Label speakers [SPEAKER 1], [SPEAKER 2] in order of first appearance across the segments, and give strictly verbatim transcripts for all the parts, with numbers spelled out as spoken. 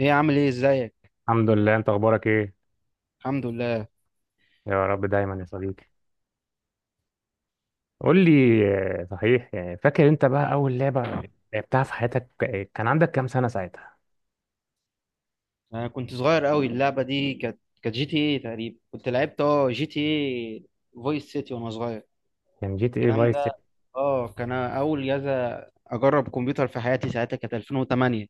[SPEAKER 1] ايه، عامل ايه؟ ازيك؟
[SPEAKER 2] الحمد لله، انت اخبارك ايه؟
[SPEAKER 1] الحمد لله.
[SPEAKER 2] يا رب دايما يا صديقي. قول لي. آه، صحيح يعني فاكر انت بقى اول لعبه لعبتها في حياتك؟ آه، كان عندك كام سنه ساعتها؟
[SPEAKER 1] انا كنت صغير قوي، اللعبه دي كانت كانت جي تي ايه تقريبا، كنت لعبت اه جي تي ايه فويس سيتي وانا صغير.
[SPEAKER 2] كان جي تي اي
[SPEAKER 1] الكلام
[SPEAKER 2] فايس مم.
[SPEAKER 1] ده.
[SPEAKER 2] سيتي.
[SPEAKER 1] اه كان اول جهاز اجرب كمبيوتر في حياتي، ساعتها كانت ألفين وتمانية.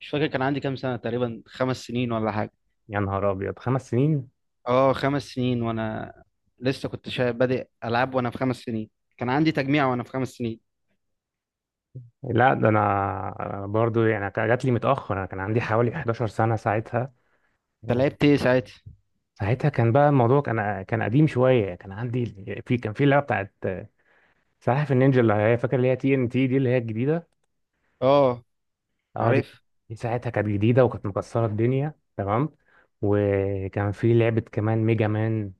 [SPEAKER 1] مش فاكر كان عندي كام سنه، تقريبا خمس سنين ولا حاجه.
[SPEAKER 2] يا نهار ابيض! خمس سنين؟
[SPEAKER 1] اه، خمس سنين وانا لسه كنت شا- بادئ العاب وانا في خمس سنين. كان عندي تجميع وانا في خمس سنين.
[SPEAKER 2] لا ده انا. أنا برضو يعني كان- جات لي متاخر، انا كان عندي حوالي إحداشر سنة سنه ساعتها.
[SPEAKER 1] انت لعبت ايه ساعتها؟
[SPEAKER 2] ساعتها كان بقى الموضوع، كان كان قديم شويه، كان عندي، في كان في اللعبه بتاعت آه، سلاحف النينجا، اللي هي فاكر اللي هي تي ان تي دي، اللي هي الجديده.
[SPEAKER 1] اه،
[SPEAKER 2] اه دي
[SPEAKER 1] عارف.
[SPEAKER 2] دي ساعتها كانت جديدة وكانت مكسرة الدنيا، تمام. وكان في لعبة كمان، ميجا مان.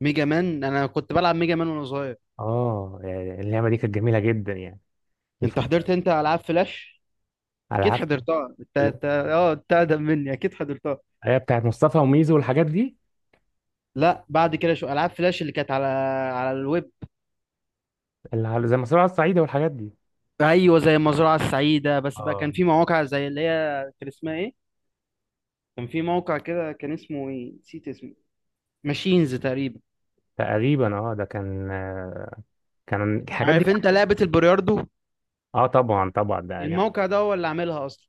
[SPEAKER 1] ميجا مان، انا كنت بلعب ميجا مان وانا صغير.
[SPEAKER 2] اه يعني اللعبة دي كانت جميلة جدا يعني
[SPEAKER 1] انت حضرت،
[SPEAKER 2] الفترة،
[SPEAKER 1] انت العاب فلاش؟
[SPEAKER 2] على
[SPEAKER 1] اكيد
[SPEAKER 2] عكس.
[SPEAKER 1] حضرتها، انت انت اه انت اقدم مني، اكيد حضرتها.
[SPEAKER 2] هي بتاعت مصطفى وميزو والحاجات دي،
[SPEAKER 1] لا، بعد كده شو العاب فلاش اللي كانت على على الويب.
[SPEAKER 2] اللي على- زي مسرح الصعيدة والحاجات دي.
[SPEAKER 1] ايوه، زي المزرعه السعيده، بس بقى
[SPEAKER 2] اه
[SPEAKER 1] كان في مواقع زي اللي هي، كان اسمها ايه؟ كان في موقع كده، كان اسمه ايه، نسيت اسمه. ماشينز تقريبا.
[SPEAKER 2] تقريبا، اه ده كان، آه، كان الحاجات دي.
[SPEAKER 1] عارف انت لعبه البلياردو؟
[SPEAKER 2] اه طبعا طبعا ده يعني،
[SPEAKER 1] الموقع ده هو اللي عاملها اصلا.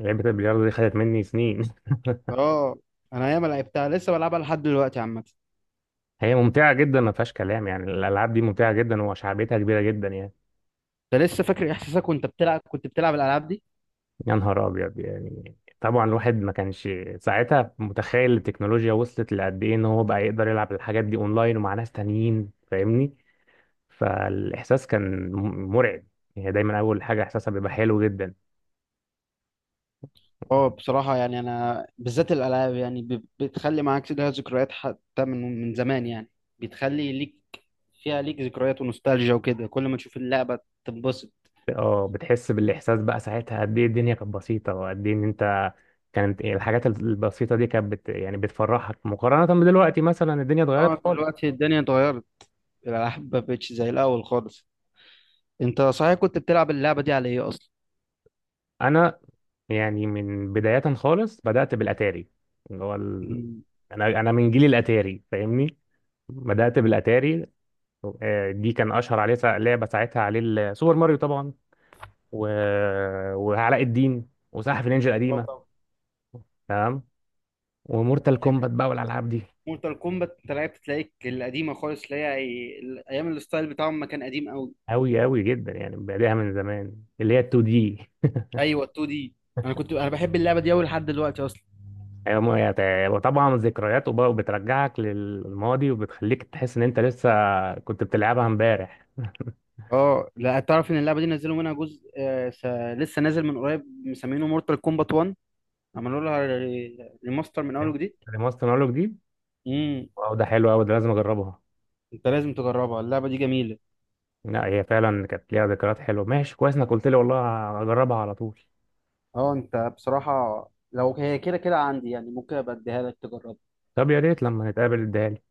[SPEAKER 2] لعبة البلياردو دي خدت مني سنين
[SPEAKER 1] اه. انا ياما لعبتها، لسه بلعبها لحد دلوقتي عامه.
[SPEAKER 2] هي ممتعة جدا ما فيهاش كلام، يعني الألعاب دي ممتعة جدا وشعبيتها كبيرة جدا يعني.
[SPEAKER 1] انت لسه فاكر احساسك وانت بتلعب، كنت بتلعب الالعاب دي؟
[SPEAKER 2] يا نهار ابيض! يعني طبعا الواحد ما كانش ساعتها متخيل التكنولوجيا وصلت لقد ايه، ان هو بقى يقدر يلعب الحاجات دي اونلاين ومع ناس تانيين، فاهمني؟ فالاحساس كان م- مرعب. هي دايما اول حاجه احساسها بيبقى حلو جدا.
[SPEAKER 1] اه، بصراحة يعني أنا بالذات الألعاب يعني ب- بتخلي معاك ليها ذكريات حتى من من زمان يعني، بتخلي ليك، فيها ليك ذكريات ونوستالجيا وكده، كل ما تشوف اللعبة تنبسط.
[SPEAKER 2] اه بتحس بالاحساس بقى ساعتها قد ايه الدنيا كانت بسيطه، وقد ايه ان انت، كانت الحاجات البسيطه دي كانت بت يعني بتفرحك مقارنه بدلوقتي، مثلا الدنيا اتغيرت
[SPEAKER 1] اه،
[SPEAKER 2] خالص.
[SPEAKER 1] دلوقتي الدنيا اتغيرت، الألعاب ما بقتش زي الأول خالص. أنت صحيح كنت بتلعب اللعبة دي على إيه أصلا؟
[SPEAKER 2] انا يعني من بداية خالص بدأت بالأتاري، اللي هو ال...
[SPEAKER 1] مم.
[SPEAKER 2] أنا أنا من جيل الأتاري، فاهمني؟ بدأت بالأتاري. آه، دي كان أشهر عليه سا- لعبة ساعتها عليه ال- سوبر ماريو طبعا، و... وعلاء الدين وسلاحف النينجا
[SPEAKER 1] اه
[SPEAKER 2] القديمة،
[SPEAKER 1] طبعا.
[SPEAKER 2] تمام. ومورتال كومبات بقى والألعاب دي.
[SPEAKER 1] مورتال كومبات، أنت لعبت تلاقيك القديمة خالص اللي هي أيام الستايل بتاعهم، ما كان قديم أوي.
[SPEAKER 2] أوي أوي جدا يعني بادئها من زمان، اللي هي 2 دي.
[SPEAKER 1] أيوه، 2 دي. أنا كنت أنا بحب اللعبة دي أوي لحد دلوقتي أصلا.
[SPEAKER 2] أيوة، ما هي- وطبعا ذكريات، وب- وبترجعك للماضي وبتخليك تحس إن أنت لسه كنت بتلعبها امبارح.
[SPEAKER 1] اه، لا، تعرف ان اللعبه دي نزلوا منها جزء آه س... لسه نازل من قريب، مسمينه مورتال كومبات ون. عملوا لها ري- ريماستر من اول
[SPEAKER 2] فاهم؟
[SPEAKER 1] وجديد.
[SPEAKER 2] ريماستر نقول دي؟
[SPEAKER 1] امم.
[SPEAKER 2] واو، ده حلو قوي، ده لازم اجربها.
[SPEAKER 1] انت لازم تجربها، اللعبه دي جميله.
[SPEAKER 2] لا هي فعلا كانت ليها ذكريات حلوه، ماشي كويس انك قلت لي، والله اجربها على طول.
[SPEAKER 1] اه، انت بصراحه، لو هي كده كده عندي يعني، ممكن ابقى اديها لك تجربها.
[SPEAKER 2] طب يا ريت لما نتقابل اديها لي.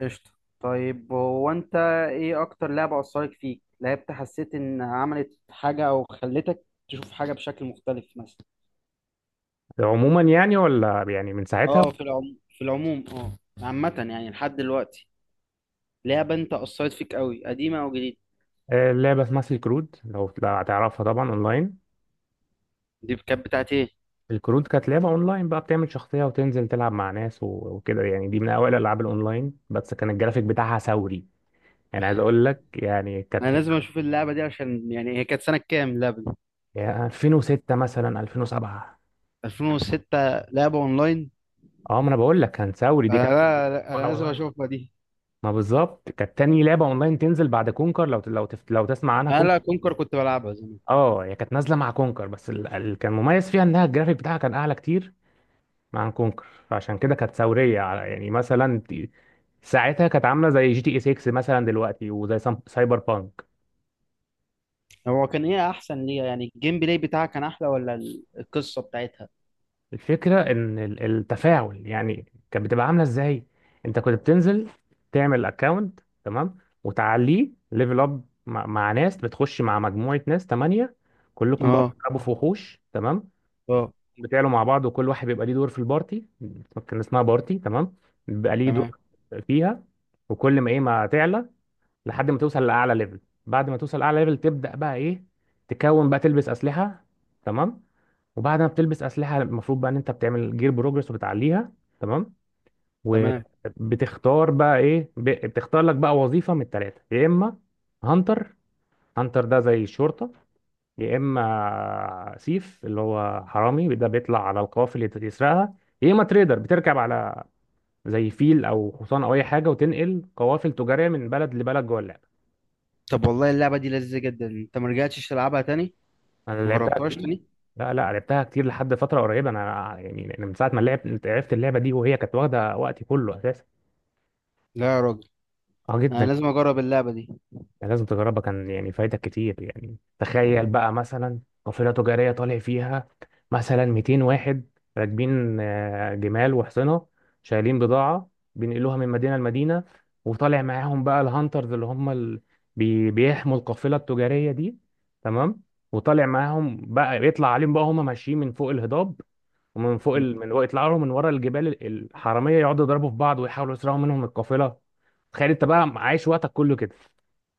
[SPEAKER 1] قشطه. طيب، هو انت، ايه اكتر لعبه اثرت فيك، لعبت حسيت ان عملت حاجه او خلتك تشوف حاجه بشكل مختلف مثلا؟
[SPEAKER 2] عموما يعني، ولا يعني من ساعتها؟
[SPEAKER 1] اه، في العموم في العموم اه، عامه يعني لحد دلوقتي، لعبه انت اثرت فيك قوي قديمه او جديده؟
[SPEAKER 2] آه، لعبه اسمها سلك رود، لو لو هتعرفها طبعا، اونلاين.
[SPEAKER 1] دي كانت بتاعت ايه؟
[SPEAKER 2] الكروت، كانت لعبه اونلاين بقى، بتعمل شخصيه وتنزل تلعب مع ناس و- وكده يعني. دي من اوائل الالعاب الاونلاين، بس كان الجرافيك بتاعها ثوري، يعني عايز اقول لك يعني كانت،
[SPEAKER 1] انا لازم اشوف اللعبه دي، عشان يعني هي كانت سنه كام اللعبه دي؟
[SPEAKER 2] يعني ألفين وستة مثلا، ألفين وسبعة.
[SPEAKER 1] ألفين وستة، لعبه اونلاين؟
[SPEAKER 2] اه ما انا بقول لك كان ثوري، دي
[SPEAKER 1] انا
[SPEAKER 2] كانت
[SPEAKER 1] لا لا،
[SPEAKER 2] أول
[SPEAKER 1] انا لازم
[SPEAKER 2] أونلاين.
[SPEAKER 1] اشوفها دي.
[SPEAKER 2] ما بالظبط كانت تاني لعبه اونلاين تنزل بعد كونكر، لو لو تف... لو تسمع عنها،
[SPEAKER 1] انا لا،
[SPEAKER 2] كونكر.
[SPEAKER 1] كونكر كنت بلعبها زمان.
[SPEAKER 2] اه هي كانت نازله مع كونكر، بس ال... ال... كان مميز فيها انها الجرافيك بتاعها كان اعلى كتير مع كونكر، فعشان كده كانت ثوريه، على- يعني مثلا ت- ساعتها كانت عامله زي جي تي اي ستة مثلا دلوقتي، وزي سام- سايبر بانك.
[SPEAKER 1] هو كان ايه احسن ليها يعني، الجيم بلاي بتاعها كان احلى ولا ال- القصه بتاعتها؟
[SPEAKER 2] الفكره ان ال- التفاعل يعني كانت بتبقى عامله ازاي. انت كنت بتنزل تعمل اكونت، تمام، وتعليه ليفل اب، مع... مع ناس، بتخش مع مجموعه ناس تمانية، كلكم بقى
[SPEAKER 1] اه.
[SPEAKER 2] بتلعبوا في وحوش، تمام.
[SPEAKER 1] اه.
[SPEAKER 2] بتعلوا مع بعض، وكل واحد بيبقى ليه دور في البارتي، كان اسمها بارتي، تمام. بيبقى ليه
[SPEAKER 1] تمام.
[SPEAKER 2] دور فيها، وكل ما ايه ما تعلى، لحد ما توصل لاعلى ليفل. بعد ما توصل لاعلى ليفل تبدا بقى ايه، تكون بقى تلبس اسلحه، تمام. وبعد ما بتلبس اسلحه، المفروض بقى ان انت بتعمل جير بروجرس وبتعليها، تمام.
[SPEAKER 1] تمام.
[SPEAKER 2] وبتختار بقى ايه، ب- بتختار لك بقى وظيفه من الثلاثه، يا اما هانتر. هانتر ده زي الشرطه. يا اما سيف، اللي هو حرامي، ده بيطلع على القوافل يت- يسرقها. يا اما تريدر، بتركب على زي فيل او حصان او اي حاجه، وتنقل قوافل تجاريه من بلد لبلد جوه اللعبه.
[SPEAKER 1] طب والله اللعبه دي لذيذه جدا، انت ما رجعتش تلعبها تاني؟
[SPEAKER 2] انا
[SPEAKER 1] ما
[SPEAKER 2] لعبتها
[SPEAKER 1] جربتهاش
[SPEAKER 2] كتير.
[SPEAKER 1] تاني؟
[SPEAKER 2] لا لا، لعبتها كتير لحد فتره قريبه، انا يعني أنا من ساعه ما لعبت عرفت اللعبه دي وهي كانت واخده وقتي كله اساسا.
[SPEAKER 1] لا يا راجل،
[SPEAKER 2] اه
[SPEAKER 1] انا
[SPEAKER 2] جدا.
[SPEAKER 1] لازم اجرب اللعبه
[SPEAKER 2] يعني لازم تجربها، كان يعني فايدة كتير، يعني تخيل بقى مثلا قافلة تجارية طالع فيها مثلا 200 واحد، راكبين آه، جمال وحصنة، شايلين بضاعة، بينقلوها من مدينة لمدينة. وطالع معاهم بقى الهانترز، اللي هم ال... بي... بيحموا القافلة التجارية دي، تمام. وطالع معاهم بقى يطلع عليهم بقى، هم ماشيين من فوق الهضاب، ومن فوق
[SPEAKER 1] دي.
[SPEAKER 2] ال... من يطلعوا لهم من ورا الجبال، ال- الحرامية، يقعدوا يضربوا في بعض ويحاولوا يسرقوا منهم القافلة. تخيل انت بقى عايش وقتك كله كده.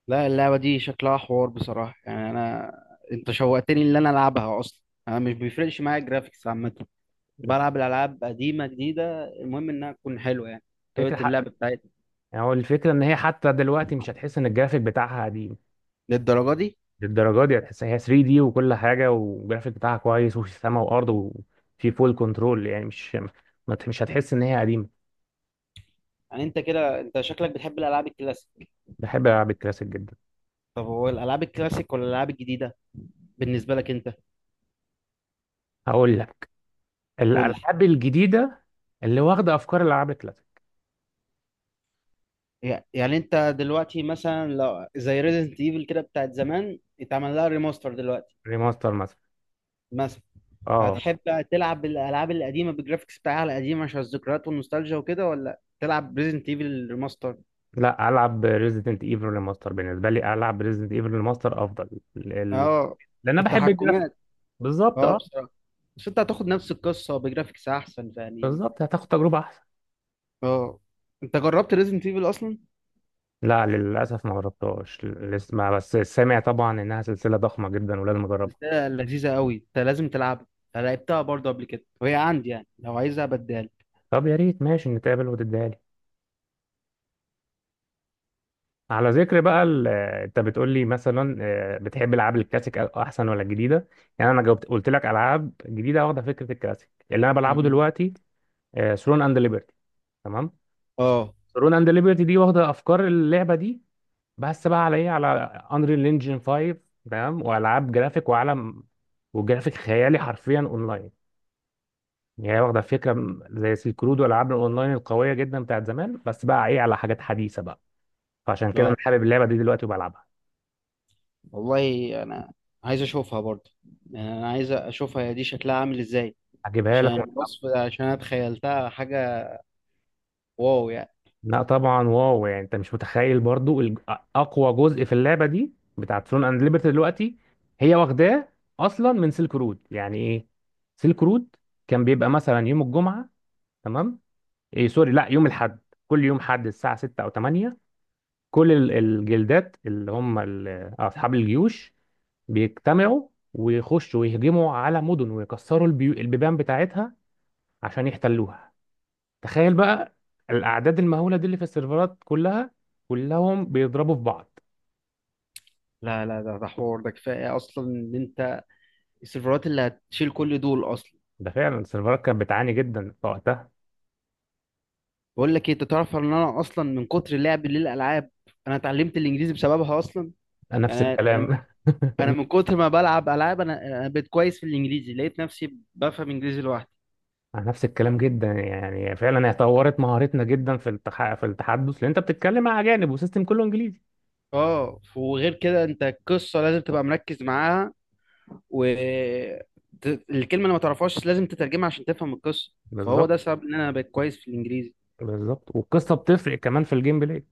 [SPEAKER 1] لا، اللعبة دي شكلها حوار بصراحة، يعني أنا، أنت شوقتني إن أنا ألعبها أصلا. أنا مش بيفرقش معايا الجرافيكس عامة، بلعب الألعاب قديمة جديدة، المهم إنها تكون حلوة يعني،
[SPEAKER 2] فكرة
[SPEAKER 1] طريقة
[SPEAKER 2] حق.
[SPEAKER 1] اللعب بتاعتها.
[SPEAKER 2] يعني هو الفكرة ان هي حتى دلوقتي مش هتحس ان الجرافيك بتاعها قديم.
[SPEAKER 1] للدرجة دي؟
[SPEAKER 2] للدرجة دي هتحس هي 3 دي وكل حاجة، والجرافيك بتاعها كويس وفي سما وارض وفي فول كنترول، يعني مش، ما ت- مش هتحس ان هي قديمة.
[SPEAKER 1] يعني أنت كده، أنت شكلك بتحب الألعاب الكلاسيك.
[SPEAKER 2] بحب العاب الكلاسيك جدا.
[SPEAKER 1] طب هو الألعاب الكلاسيك ولا الألعاب الجديدة بالنسبة لك أنت؟
[SPEAKER 2] هقول لك،
[SPEAKER 1] قول لي.
[SPEAKER 2] الالعاب الجديدة اللي واخدة افكار الالعاب الكلاسيك.
[SPEAKER 1] يع- يعني أنت دلوقتي مثلا، لو زي ريزنت إيفل كده بتاعت زمان، اتعمل لها ريماستر دلوقتي،
[SPEAKER 2] ريماستر مثلا؟
[SPEAKER 1] مثلا،
[SPEAKER 2] اه.
[SPEAKER 1] هتحب تلعب الالعاب القديمه بالجرافيكس بتاعها القديمه عشان الذكريات والنوستالجيا وكده، ولا تلعب ريزنت ايفل ريماستر؟
[SPEAKER 2] لا، العب ريزيدنت ايفل ريماستر، بالنسبة لي العب ريزيدنت ايفل ريماستر افضل. ال... ال-
[SPEAKER 1] اه.
[SPEAKER 2] لان انا بحب الجرافيك.
[SPEAKER 1] التحكمات.
[SPEAKER 2] بالظبط،
[SPEAKER 1] اه،
[SPEAKER 2] اه.
[SPEAKER 1] بصراحه، بس انت هتاخد نفس القصه بجرافيكس احسن يعني.
[SPEAKER 2] بالظبط، هتاخد تجربة احسن.
[SPEAKER 1] اه. انت جربت ريزنت ايفل اصلا؟
[SPEAKER 2] لا للأسف ما جربتهاش لسه، ما بس سامع طبعا إنها سلسلة ضخمة جدا ولازم أجربها.
[SPEAKER 1] قلتها لذيذه قوي، انت لازم تلعبها. أنا لعبتها برضه قبل كده، وهي عندي يعني لو عايزها بدال.
[SPEAKER 2] طب يا ريت، ماشي، نتقابل وتديها لي. على ذكر بقى ال- آه، أنت بتقول لي مثلا آه، بتحب الألعاب الكلاسيك أ- أحسن ولا الجديدة. يعني أنا جاوبت قلت لك ألعاب جديدة واخدة فكرة الكلاسيك، اللي أنا بلعبه دلوقتي، ثرون أند ليبرتي، تمام.
[SPEAKER 1] اه.
[SPEAKER 2] ثرون أند ليبرتي دي واخدة أفكار اللعبة دي، بس بقى على إيه، على أنريل إنجن خمسة، تمام، وألعاب جرافيك وعالم، وجرافيك خيالي، حرفيا أونلاين. يعني هي واخدة فكرة، م- زي سيلك رود والألعاب الأونلاين القوية جدا بتاعت زمان، بس بقى إيه، على حاجات حديثة بقى. فعشان كده أنا
[SPEAKER 1] اه.
[SPEAKER 2] حابب اللعبة دي دلوقتي وبلعبها.
[SPEAKER 1] والله انا عايز اشوفها برضه، يعني انا عايز اشوفها، هي دي شكلها عامل ازاي؟
[SPEAKER 2] هجيبها لك
[SPEAKER 1] عشان
[SPEAKER 2] ون-
[SPEAKER 1] الوصف، عشان انا تخيلتها حاجه، واو يعني.
[SPEAKER 2] لا طبعا، واو يعني، أنت مش متخيل برضو، ال- أ- أقوى جزء في اللعبة دي بتاعت ثرون أند ليبرتي دلوقتي هي واخداه أصلا من سيلك رود. يعني إيه سيلك رود؟ كان بيبقى مثلا يوم الجمعة، تمام، إيه سوري، لا، يوم الحد. كل يوم حد الساعة ستة أو تمانية، كل ال- الجلدات، اللي هم ال- أصحاب الجيوش، بيجتمعوا ويخشوا ويهجموا على مدن، ويكسروا البيو... البيبان بتاعتها عشان يحتلوها. تخيل بقى الأعداد المهولة دي اللي في السيرفرات كلها، كلهم بيضربوا في بعض.
[SPEAKER 1] لا لا، ده ده حوار، ده كفايه اصلا ان انت، السيرفرات اللي هتشيل كل دول اصلا.
[SPEAKER 2] ده فعلا السيرفرات كانت بتعاني جدا في وقتها.
[SPEAKER 1] بقول لك ايه، انت تعرف ان انا اصلا من كتر لعبي للالعاب، انا اتعلمت الانجليزي بسببها اصلا. يعني،
[SPEAKER 2] نفس
[SPEAKER 1] انا من
[SPEAKER 2] الكلام.
[SPEAKER 1] انا من كتر ما بلعب العاب، انا انا بقيت كويس في الانجليزي، لقيت نفسي بفهم انجليزي لوحدي.
[SPEAKER 2] نفس الكلام جدا، يعني فعلا هي طورت مهارتنا جدا في التح... في التحدث، لان انت بتتكلم مع اجانب وسيستم كله انجليزي.
[SPEAKER 1] اه، وغير كده انت القصه لازم تبقى مركز معاها، و ت- الكلمه اللي ما تعرفهاش لازم تترجمها عشان تفهم القصه، فهو
[SPEAKER 2] بالظبط.
[SPEAKER 1] ده سبب ان انا بقيت كويس في الانجليزي.
[SPEAKER 2] بالظبط، والقصه بتفرق كمان في الجيم بلاي.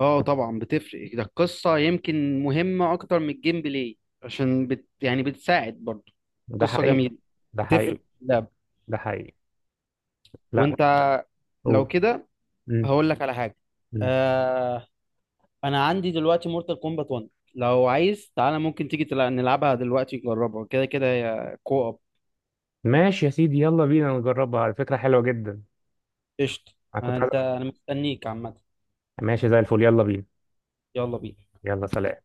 [SPEAKER 1] اه طبعا بتفرق، ده القصة يمكن مهمة أكتر من الجيم بلاي عشان بت يعني بتساعد برضه.
[SPEAKER 2] ده
[SPEAKER 1] قصة
[SPEAKER 2] حقيقي.
[SPEAKER 1] جميلة،
[SPEAKER 2] ده حقيقي.
[SPEAKER 1] بتفرق في اللعب.
[SPEAKER 2] ده حقيقي. لا،
[SPEAKER 1] وأنت، لو
[SPEAKER 2] قول.
[SPEAKER 1] كده،
[SPEAKER 2] مم.
[SPEAKER 1] هقول لك على حاجة.
[SPEAKER 2] مم.
[SPEAKER 1] آه، أنا عندي دلوقتي مورتال كومبات ون، لو عايز تعالى ممكن تيجي تلع- نلعبها دلوقتي نجربها، كده كده يا كو أب.
[SPEAKER 2] ماشي يا سيدي، يلا بينا نجربها، على فكرة حلوة جدا.
[SPEAKER 1] قشطة.
[SPEAKER 2] انا
[SPEAKER 1] آه،
[SPEAKER 2] كنت عايز.
[SPEAKER 1] أنت أنا مستنيك عامة.
[SPEAKER 2] ماشي زي الفل، يلا بينا.
[SPEAKER 1] يلا بينا.
[SPEAKER 2] يلا، سلام.